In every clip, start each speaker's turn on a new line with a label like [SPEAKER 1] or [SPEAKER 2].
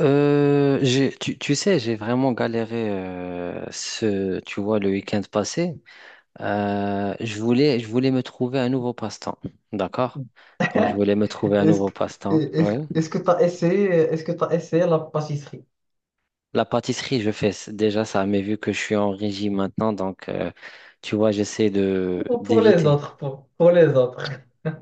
[SPEAKER 1] Tu sais, j'ai vraiment galéré tu vois, le week-end passé. Je voulais me trouver un nouveau passe-temps, d'accord? Donc, je voulais me trouver un
[SPEAKER 2] Est-ce
[SPEAKER 1] nouveau
[SPEAKER 2] que,
[SPEAKER 1] passe-temps.
[SPEAKER 2] est-ce
[SPEAKER 1] Ouais.
[SPEAKER 2] est-ce que tu as essayé, est-ce que tu essayé la pâtisserie?
[SPEAKER 1] La pâtisserie, je fais déjà ça, mais vu que je suis en régime maintenant, donc, tu vois, j'essaie de
[SPEAKER 2] Pour les
[SPEAKER 1] d'éviter.
[SPEAKER 2] autres, pour les autres.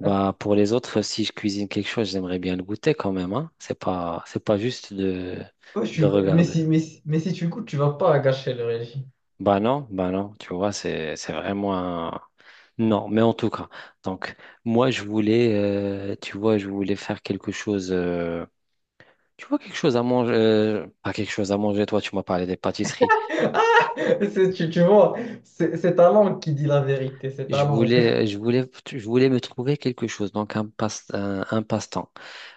[SPEAKER 1] Bah, pour les autres, si je cuisine quelque chose, j'aimerais bien le goûter quand même, hein. C'est pas juste
[SPEAKER 2] Ouais,
[SPEAKER 1] de
[SPEAKER 2] mais
[SPEAKER 1] regarder.
[SPEAKER 2] si, mais si, mais si tu goûtes, tu vas pas gâcher le régime.
[SPEAKER 1] Bah non, tu vois, c'est vraiment un... Non, mais en tout cas, donc moi je voulais, tu vois, je voulais faire quelque chose, tu vois, quelque chose à manger, pas quelque chose à manger, toi tu m'as parlé des pâtisseries.
[SPEAKER 2] Tu, tu vois, c'est ta langue qui dit la vérité, c'est ta langue.
[SPEAKER 1] Je voulais me trouver quelque chose, donc un passe-temps.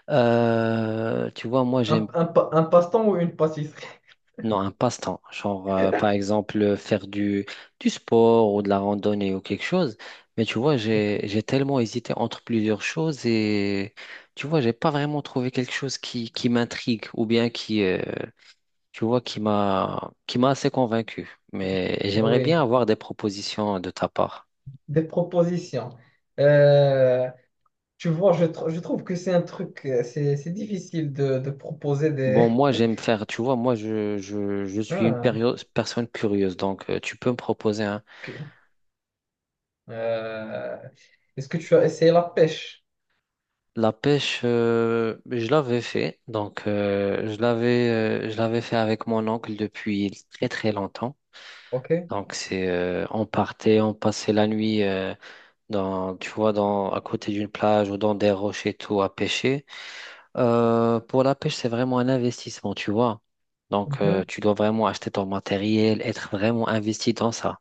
[SPEAKER 1] Tu vois, moi j'aime.
[SPEAKER 2] Un, un passe-temps ou une pâtisserie?
[SPEAKER 1] Non, un passe-temps. Genre, par exemple, faire du sport ou de la randonnée ou quelque chose. Mais tu vois, j'ai tellement hésité entre plusieurs choses et tu vois, j'ai pas vraiment trouvé quelque chose qui m'intrigue ou bien qui, tu vois, qui m'a assez convaincu. Mais j'aimerais
[SPEAKER 2] Oui,
[SPEAKER 1] bien avoir des propositions de ta part.
[SPEAKER 2] des propositions. Euh, tu vois, je, je trouve que c'est un truc, c'est difficile de proposer
[SPEAKER 1] Bon,
[SPEAKER 2] des...
[SPEAKER 1] moi, j'aime faire, tu vois, moi, je suis une
[SPEAKER 2] Ah.
[SPEAKER 1] personne curieuse. Donc, tu peux me proposer.
[SPEAKER 2] Euh, est-ce que tu as essayé la pêche?
[SPEAKER 1] La pêche, je l'avais fait. Donc, je l'avais fait avec mon oncle depuis très très longtemps.
[SPEAKER 2] Ok?
[SPEAKER 1] Donc, c'est, on partait, on passait la nuit tu vois, dans à côté d'une plage ou dans des rochers et tout à pêcher. Pour la pêche, c'est vraiment un investissement, tu vois. Donc,
[SPEAKER 2] Mhm.
[SPEAKER 1] tu dois vraiment acheter ton matériel, être vraiment investi dans ça.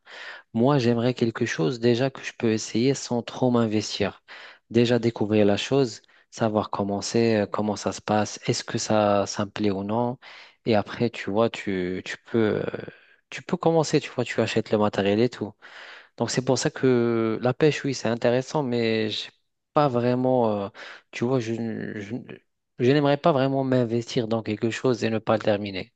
[SPEAKER 1] Moi, j'aimerais quelque chose déjà que je peux essayer sans trop m'investir. Déjà découvrir la chose, savoir comment c'est, comment ça se passe, est-ce que ça me plaît ou non. Et après, tu vois, tu peux commencer, tu vois, tu achètes le matériel et tout. Donc, c'est pour ça que la pêche, oui, c'est intéressant, mais j'ai pas vraiment, tu vois, je, je n'aimerais pas vraiment m'investir dans quelque chose et ne pas le terminer.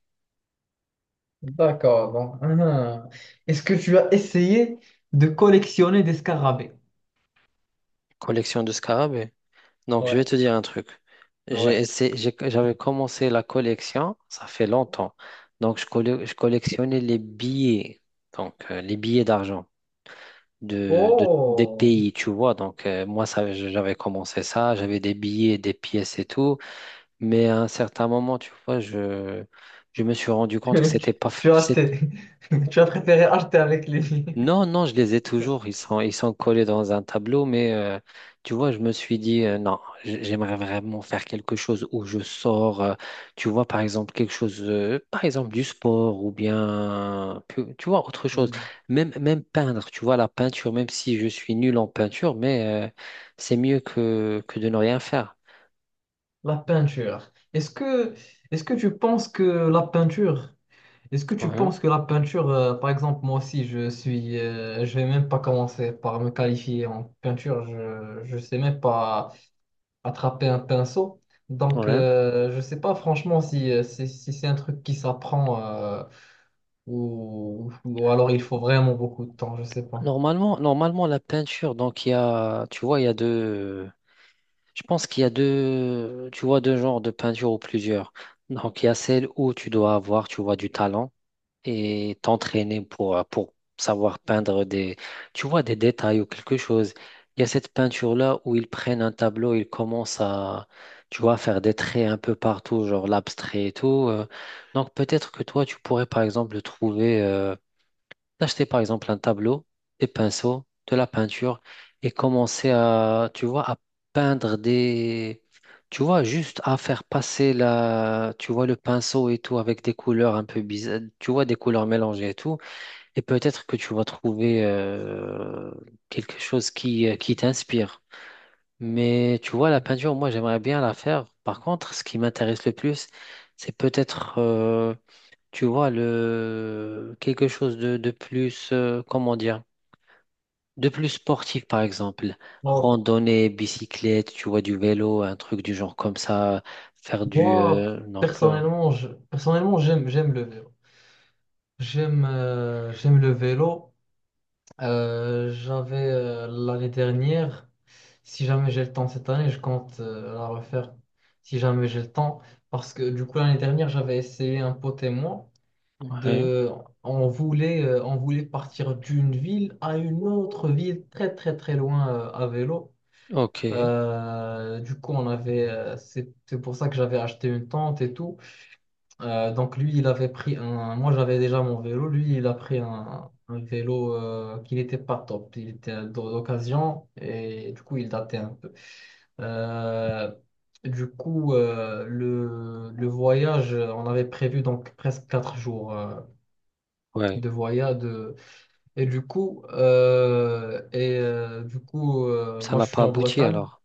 [SPEAKER 2] D'accord. Donc, mhm. Est-ce que tu as essayé de collectionner des scarabées?
[SPEAKER 1] Collection de scarabées. Donc, je vais
[SPEAKER 2] Ouais,
[SPEAKER 1] te dire un truc.
[SPEAKER 2] ouais.
[SPEAKER 1] J'avais commencé la collection, ça fait longtemps. Donc, je collectionnais les billets, donc les billets d'argent des
[SPEAKER 2] Oh!
[SPEAKER 1] pays, tu vois. Donc, moi, ça, j'avais commencé ça, j'avais des billets, des pièces et tout. Mais à un certain moment, tu vois, je me suis rendu compte que c'était pas.
[SPEAKER 2] Tu as acheté. Tu as préféré acheter avec les...
[SPEAKER 1] Non, non, je les ai toujours. Ils sont collés dans un tableau, mais tu vois, je me suis dit, non, j'aimerais vraiment faire quelque chose où je sors, tu vois, par exemple, quelque chose, par exemple, du sport ou bien, tu vois, autre chose.
[SPEAKER 2] Hmm.
[SPEAKER 1] Même, même peindre, tu vois, la peinture, même si je suis nul en peinture, mais c'est mieux que de ne rien faire.
[SPEAKER 2] La peinture. Est-ce que tu penses que la peinture, est-ce que tu
[SPEAKER 1] Mhm,
[SPEAKER 2] penses que la peinture, par exemple, moi aussi, je suis, je vais même pas commencer par me qualifier en peinture. Je sais même pas. Attraper un pinceau. Donc,
[SPEAKER 1] ouais.
[SPEAKER 2] je sais pas franchement si, si, si c'est un truc qui s'apprend ou alors il faut vraiment beaucoup de temps, je sais pas.
[SPEAKER 1] Normalement, normalement, la peinture, donc, il y a, tu vois, il y a deux. Je pense qu'il y a deux, tu vois, deux genres de peinture ou plusieurs. Donc, il y a celle où tu dois avoir, tu vois, du talent et t'entraîner pour savoir peindre des, tu vois, des détails ou quelque chose. Il y a cette peinture-là où ils prennent un tableau, ils commencent à, tu vois, faire des traits un peu partout, genre l'abstrait et tout. Donc, peut-être que toi, tu pourrais, par exemple, trouver, d'acheter par exemple un tableau, des pinceaux, de la peinture et commencer à, tu vois, à peindre des, tu vois, juste à faire passer la, tu vois, le pinceau et tout avec des couleurs un peu bizarres, tu vois, des couleurs mélangées et tout. Et peut-être que tu vas trouver quelque chose qui t'inspire. Mais tu vois, la peinture, moi, j'aimerais bien la faire. Par contre, ce qui m'intéresse le plus, c'est peut-être... tu vois, le... quelque chose de plus, comment dire, de plus sportif, par exemple.
[SPEAKER 2] Ok.
[SPEAKER 1] Randonnée, bicyclette, tu vois, du vélo, un truc du genre comme ça. Faire du...
[SPEAKER 2] Moi,
[SPEAKER 1] donc,
[SPEAKER 2] personnellement, je, personnellement, j'aime, j'aime le vélo. J'aime j'aime le vélo. J'avais l'année dernière, si jamais j'ai le temps cette année, je compte la refaire si jamais j'ai le temps. Parce que du coup, l'année dernière, j'avais essayé un pote et moi.
[SPEAKER 1] ouais,
[SPEAKER 2] De on voulait partir d'une ville à une autre ville très très très loin à vélo.
[SPEAKER 1] ok,
[SPEAKER 2] Du coup on avait c'est pour ça que j'avais acheté une tente et tout. Donc lui il avait pris un moi j'avais déjà mon vélo lui il a pris un vélo qui n'était pas top il était d'occasion et du coup il datait un peu. Euh, du coup, le voyage, on avait prévu donc presque quatre jours
[SPEAKER 1] ouais.
[SPEAKER 2] de voyage, et, du coup
[SPEAKER 1] Ça
[SPEAKER 2] moi
[SPEAKER 1] n'a
[SPEAKER 2] je suis
[SPEAKER 1] pas
[SPEAKER 2] en
[SPEAKER 1] abouti
[SPEAKER 2] Bretagne
[SPEAKER 1] alors.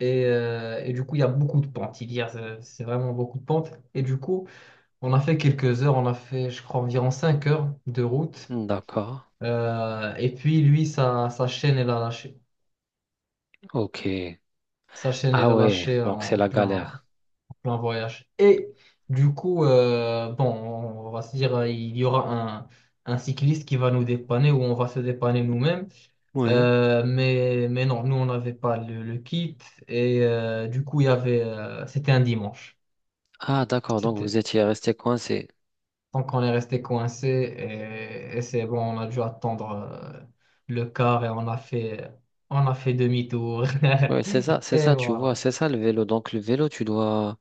[SPEAKER 2] et du coup il y a beaucoup de pentes. Il y a, c'est vraiment beaucoup de pentes. Et du coup, on a fait quelques heures, on a fait je crois environ 5 heures de route.
[SPEAKER 1] Hmm, d'accord,
[SPEAKER 2] Et puis lui, sa, sa chaîne, elle a lâché.
[SPEAKER 1] ok.
[SPEAKER 2] Sa chaîne, elle
[SPEAKER 1] Ah
[SPEAKER 2] a
[SPEAKER 1] ouais,
[SPEAKER 2] lâché en,
[SPEAKER 1] donc c'est
[SPEAKER 2] en
[SPEAKER 1] la
[SPEAKER 2] plein,
[SPEAKER 1] galère.
[SPEAKER 2] plan voyage. Et du coup, bon, on va se dire, il y aura un cycliste qui va nous dépanner ou on va se dépanner nous-mêmes.
[SPEAKER 1] Ouais.
[SPEAKER 2] Mais non, nous, on n'avait pas le, le kit. Et du coup, il y avait, c'était un dimanche.
[SPEAKER 1] Ah d'accord, donc
[SPEAKER 2] C'était,
[SPEAKER 1] vous étiez resté coincé.
[SPEAKER 2] donc, on est resté coincé et c'est bon, on a dû attendre le car et on a fait demi-tour.
[SPEAKER 1] Ouais, c'est
[SPEAKER 2] Et
[SPEAKER 1] ça, tu vois,
[SPEAKER 2] voilà.
[SPEAKER 1] c'est ça le vélo. Donc le vélo, tu dois...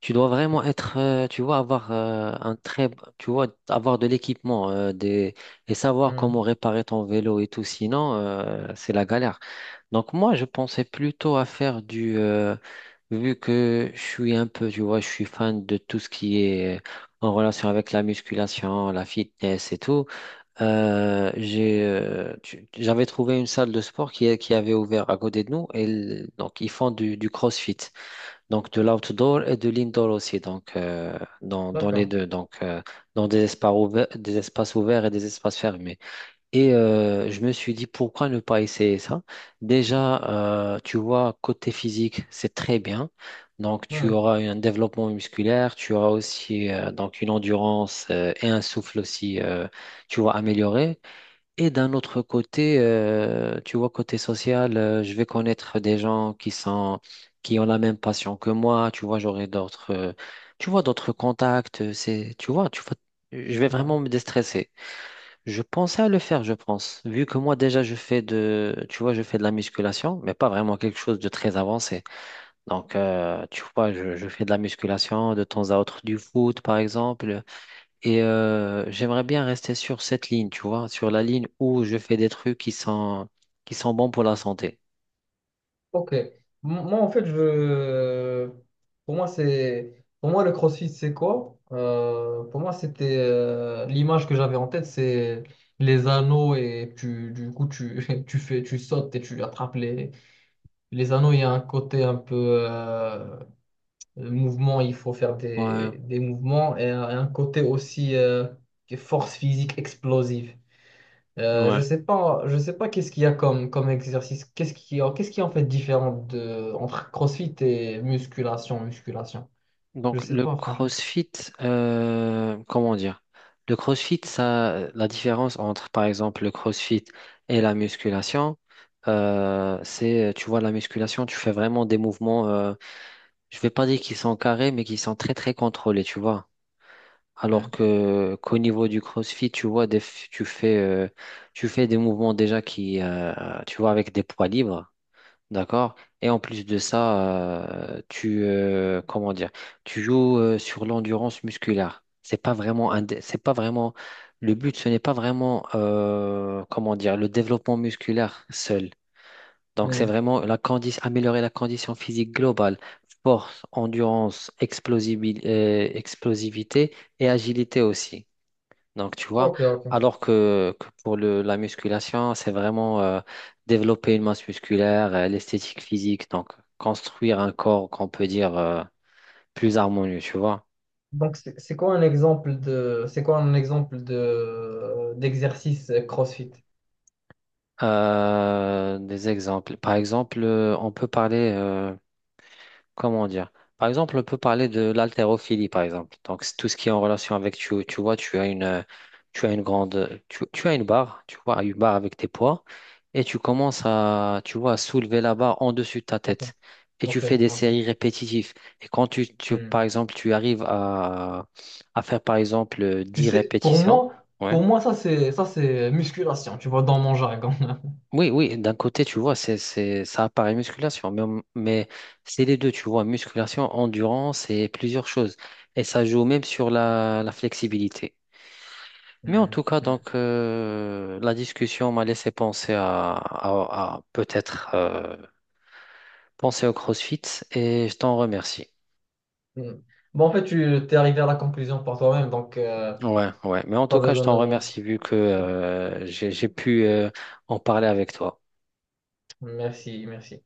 [SPEAKER 1] Tu dois vraiment être, tu vois, avoir un très, tu vois, avoir de l'équipement, et savoir
[SPEAKER 2] Hmm.
[SPEAKER 1] comment réparer ton vélo et tout. Sinon, c'est la galère. Donc moi, je pensais plutôt à faire du, vu que je suis un peu, tu vois, je suis fan de tout ce qui est en relation avec la musculation, la fitness et tout. J'avais trouvé une salle de sport qui avait ouvert à côté de nous et donc ils font du CrossFit. Donc de l'outdoor et de l'indoor aussi, donc dans les
[SPEAKER 2] D'accord.
[SPEAKER 1] deux, donc dans des espaces ouverts et des espaces fermés. Et je me suis dit pourquoi ne pas essayer ça? Déjà, tu vois, côté physique, c'est très bien. Donc tu
[SPEAKER 2] Hmm.
[SPEAKER 1] auras un développement musculaire, tu auras aussi donc une endurance et un souffle aussi, tu vois, amélioré. Et d'un autre côté, tu vois, côté social, je vais connaître des gens qui sont, qui ont la même passion que moi. Tu vois, j'aurai d'autres, tu vois, d'autres contacts. C'est, tu vois, je vais
[SPEAKER 2] Ouais.
[SPEAKER 1] vraiment me déstresser. Je pensais à le faire, je pense, vu que moi déjà je fais de, tu vois, je fais de la musculation, mais pas vraiment quelque chose de très avancé. Donc, tu vois, je fais de la musculation de temps à autre, du foot, par exemple. Et j'aimerais bien rester sur cette ligne, tu vois, sur la ligne où je fais des trucs qui sont bons pour la santé.
[SPEAKER 2] Ok. M- Moi, en fait, je... pour moi, c'est... pour moi, le CrossFit, c'est quoi? Pour moi, c'était l'image que j'avais en tête, c'est les anneaux et tu, du coup, tu, tu fais, tu sautes et tu attrapes les anneaux. Il y a un côté un peu euh, mouvement, il faut faire
[SPEAKER 1] Ouais,
[SPEAKER 2] des mouvements et un côté aussi force physique explosive.
[SPEAKER 1] ouais.
[SPEAKER 2] Je sais pas qu'est-ce qu'il y a comme, comme exercice, qu'est-ce qui est en fait différent de, entre CrossFit et musculation, musculation. Je
[SPEAKER 1] Donc
[SPEAKER 2] sais
[SPEAKER 1] le
[SPEAKER 2] pas, franchement.
[SPEAKER 1] CrossFit, comment dire? Le CrossFit, ça, la différence entre, par exemple, le CrossFit et la musculation, c'est, tu vois, la musculation, tu fais vraiment des mouvements, je vais pas dire qu'ils sont carrés, mais qui sont très, très contrôlés, tu vois. Alors
[SPEAKER 2] Hmm.
[SPEAKER 1] que qu'au niveau du CrossFit, tu vois, tu fais des mouvements déjà qui, tu vois, avec des poids libres, d'accord? Et en plus de ça, comment dire, tu joues sur l'endurance musculaire. C'est pas vraiment le but. Ce n'est pas vraiment, comment dire, le développement musculaire seul. Donc, c'est
[SPEAKER 2] Hmm.
[SPEAKER 1] vraiment améliorer la condition physique globale, force, endurance, explosivité et agilité aussi. Donc, tu vois,
[SPEAKER 2] Ok, ok.
[SPEAKER 1] alors que pour le, la musculation, c'est vraiment développer une masse musculaire, l'esthétique physique, donc construire un corps qu'on peut dire plus harmonieux, tu vois.
[SPEAKER 2] Donc, c'est quoi un exemple de, c'est quoi un exemple de, d'exercice CrossFit?
[SPEAKER 1] Des exemples. Par exemple, on peut parler, comment dire? Par exemple, on peut parler de l'haltérophilie, par exemple. Donc, c'est tout ce qui est en relation avec, tu vois, tu as une grande, tu as une barre, tu vois, une barre avec tes poids, et tu commences à, tu vois, à soulever la barre en dessus de ta
[SPEAKER 2] Ok,
[SPEAKER 1] tête. Et tu fais
[SPEAKER 2] ok,
[SPEAKER 1] des
[SPEAKER 2] ok.
[SPEAKER 1] séries répétitives. Et quand
[SPEAKER 2] Hmm.
[SPEAKER 1] par exemple, tu arrives à faire, par exemple,
[SPEAKER 2] Tu
[SPEAKER 1] 10
[SPEAKER 2] sais,
[SPEAKER 1] répétitions, ouais.
[SPEAKER 2] pour moi, ça c'est musculation, tu vois, dans mon jargon.
[SPEAKER 1] Oui, oui, d'un côté, tu vois, ça apparaît musculation, mais c'est les deux, tu vois, musculation, endurance et plusieurs choses. Et ça joue même sur la, la flexibilité. Mais en
[SPEAKER 2] Hmm.
[SPEAKER 1] tout cas,
[SPEAKER 2] Hmm.
[SPEAKER 1] donc, la discussion m'a laissé penser à, à peut-être penser au CrossFit et je t'en remercie.
[SPEAKER 2] Hmm. Bon, en fait, tu t'es arrivé à la conclusion par toi-même, donc
[SPEAKER 1] Ouais, ouais. Mais en tout
[SPEAKER 2] pas
[SPEAKER 1] cas, je
[SPEAKER 2] besoin de me
[SPEAKER 1] t'en remercie
[SPEAKER 2] remercier.
[SPEAKER 1] vu que j'ai pu en parler avec toi.
[SPEAKER 2] Merci, merci.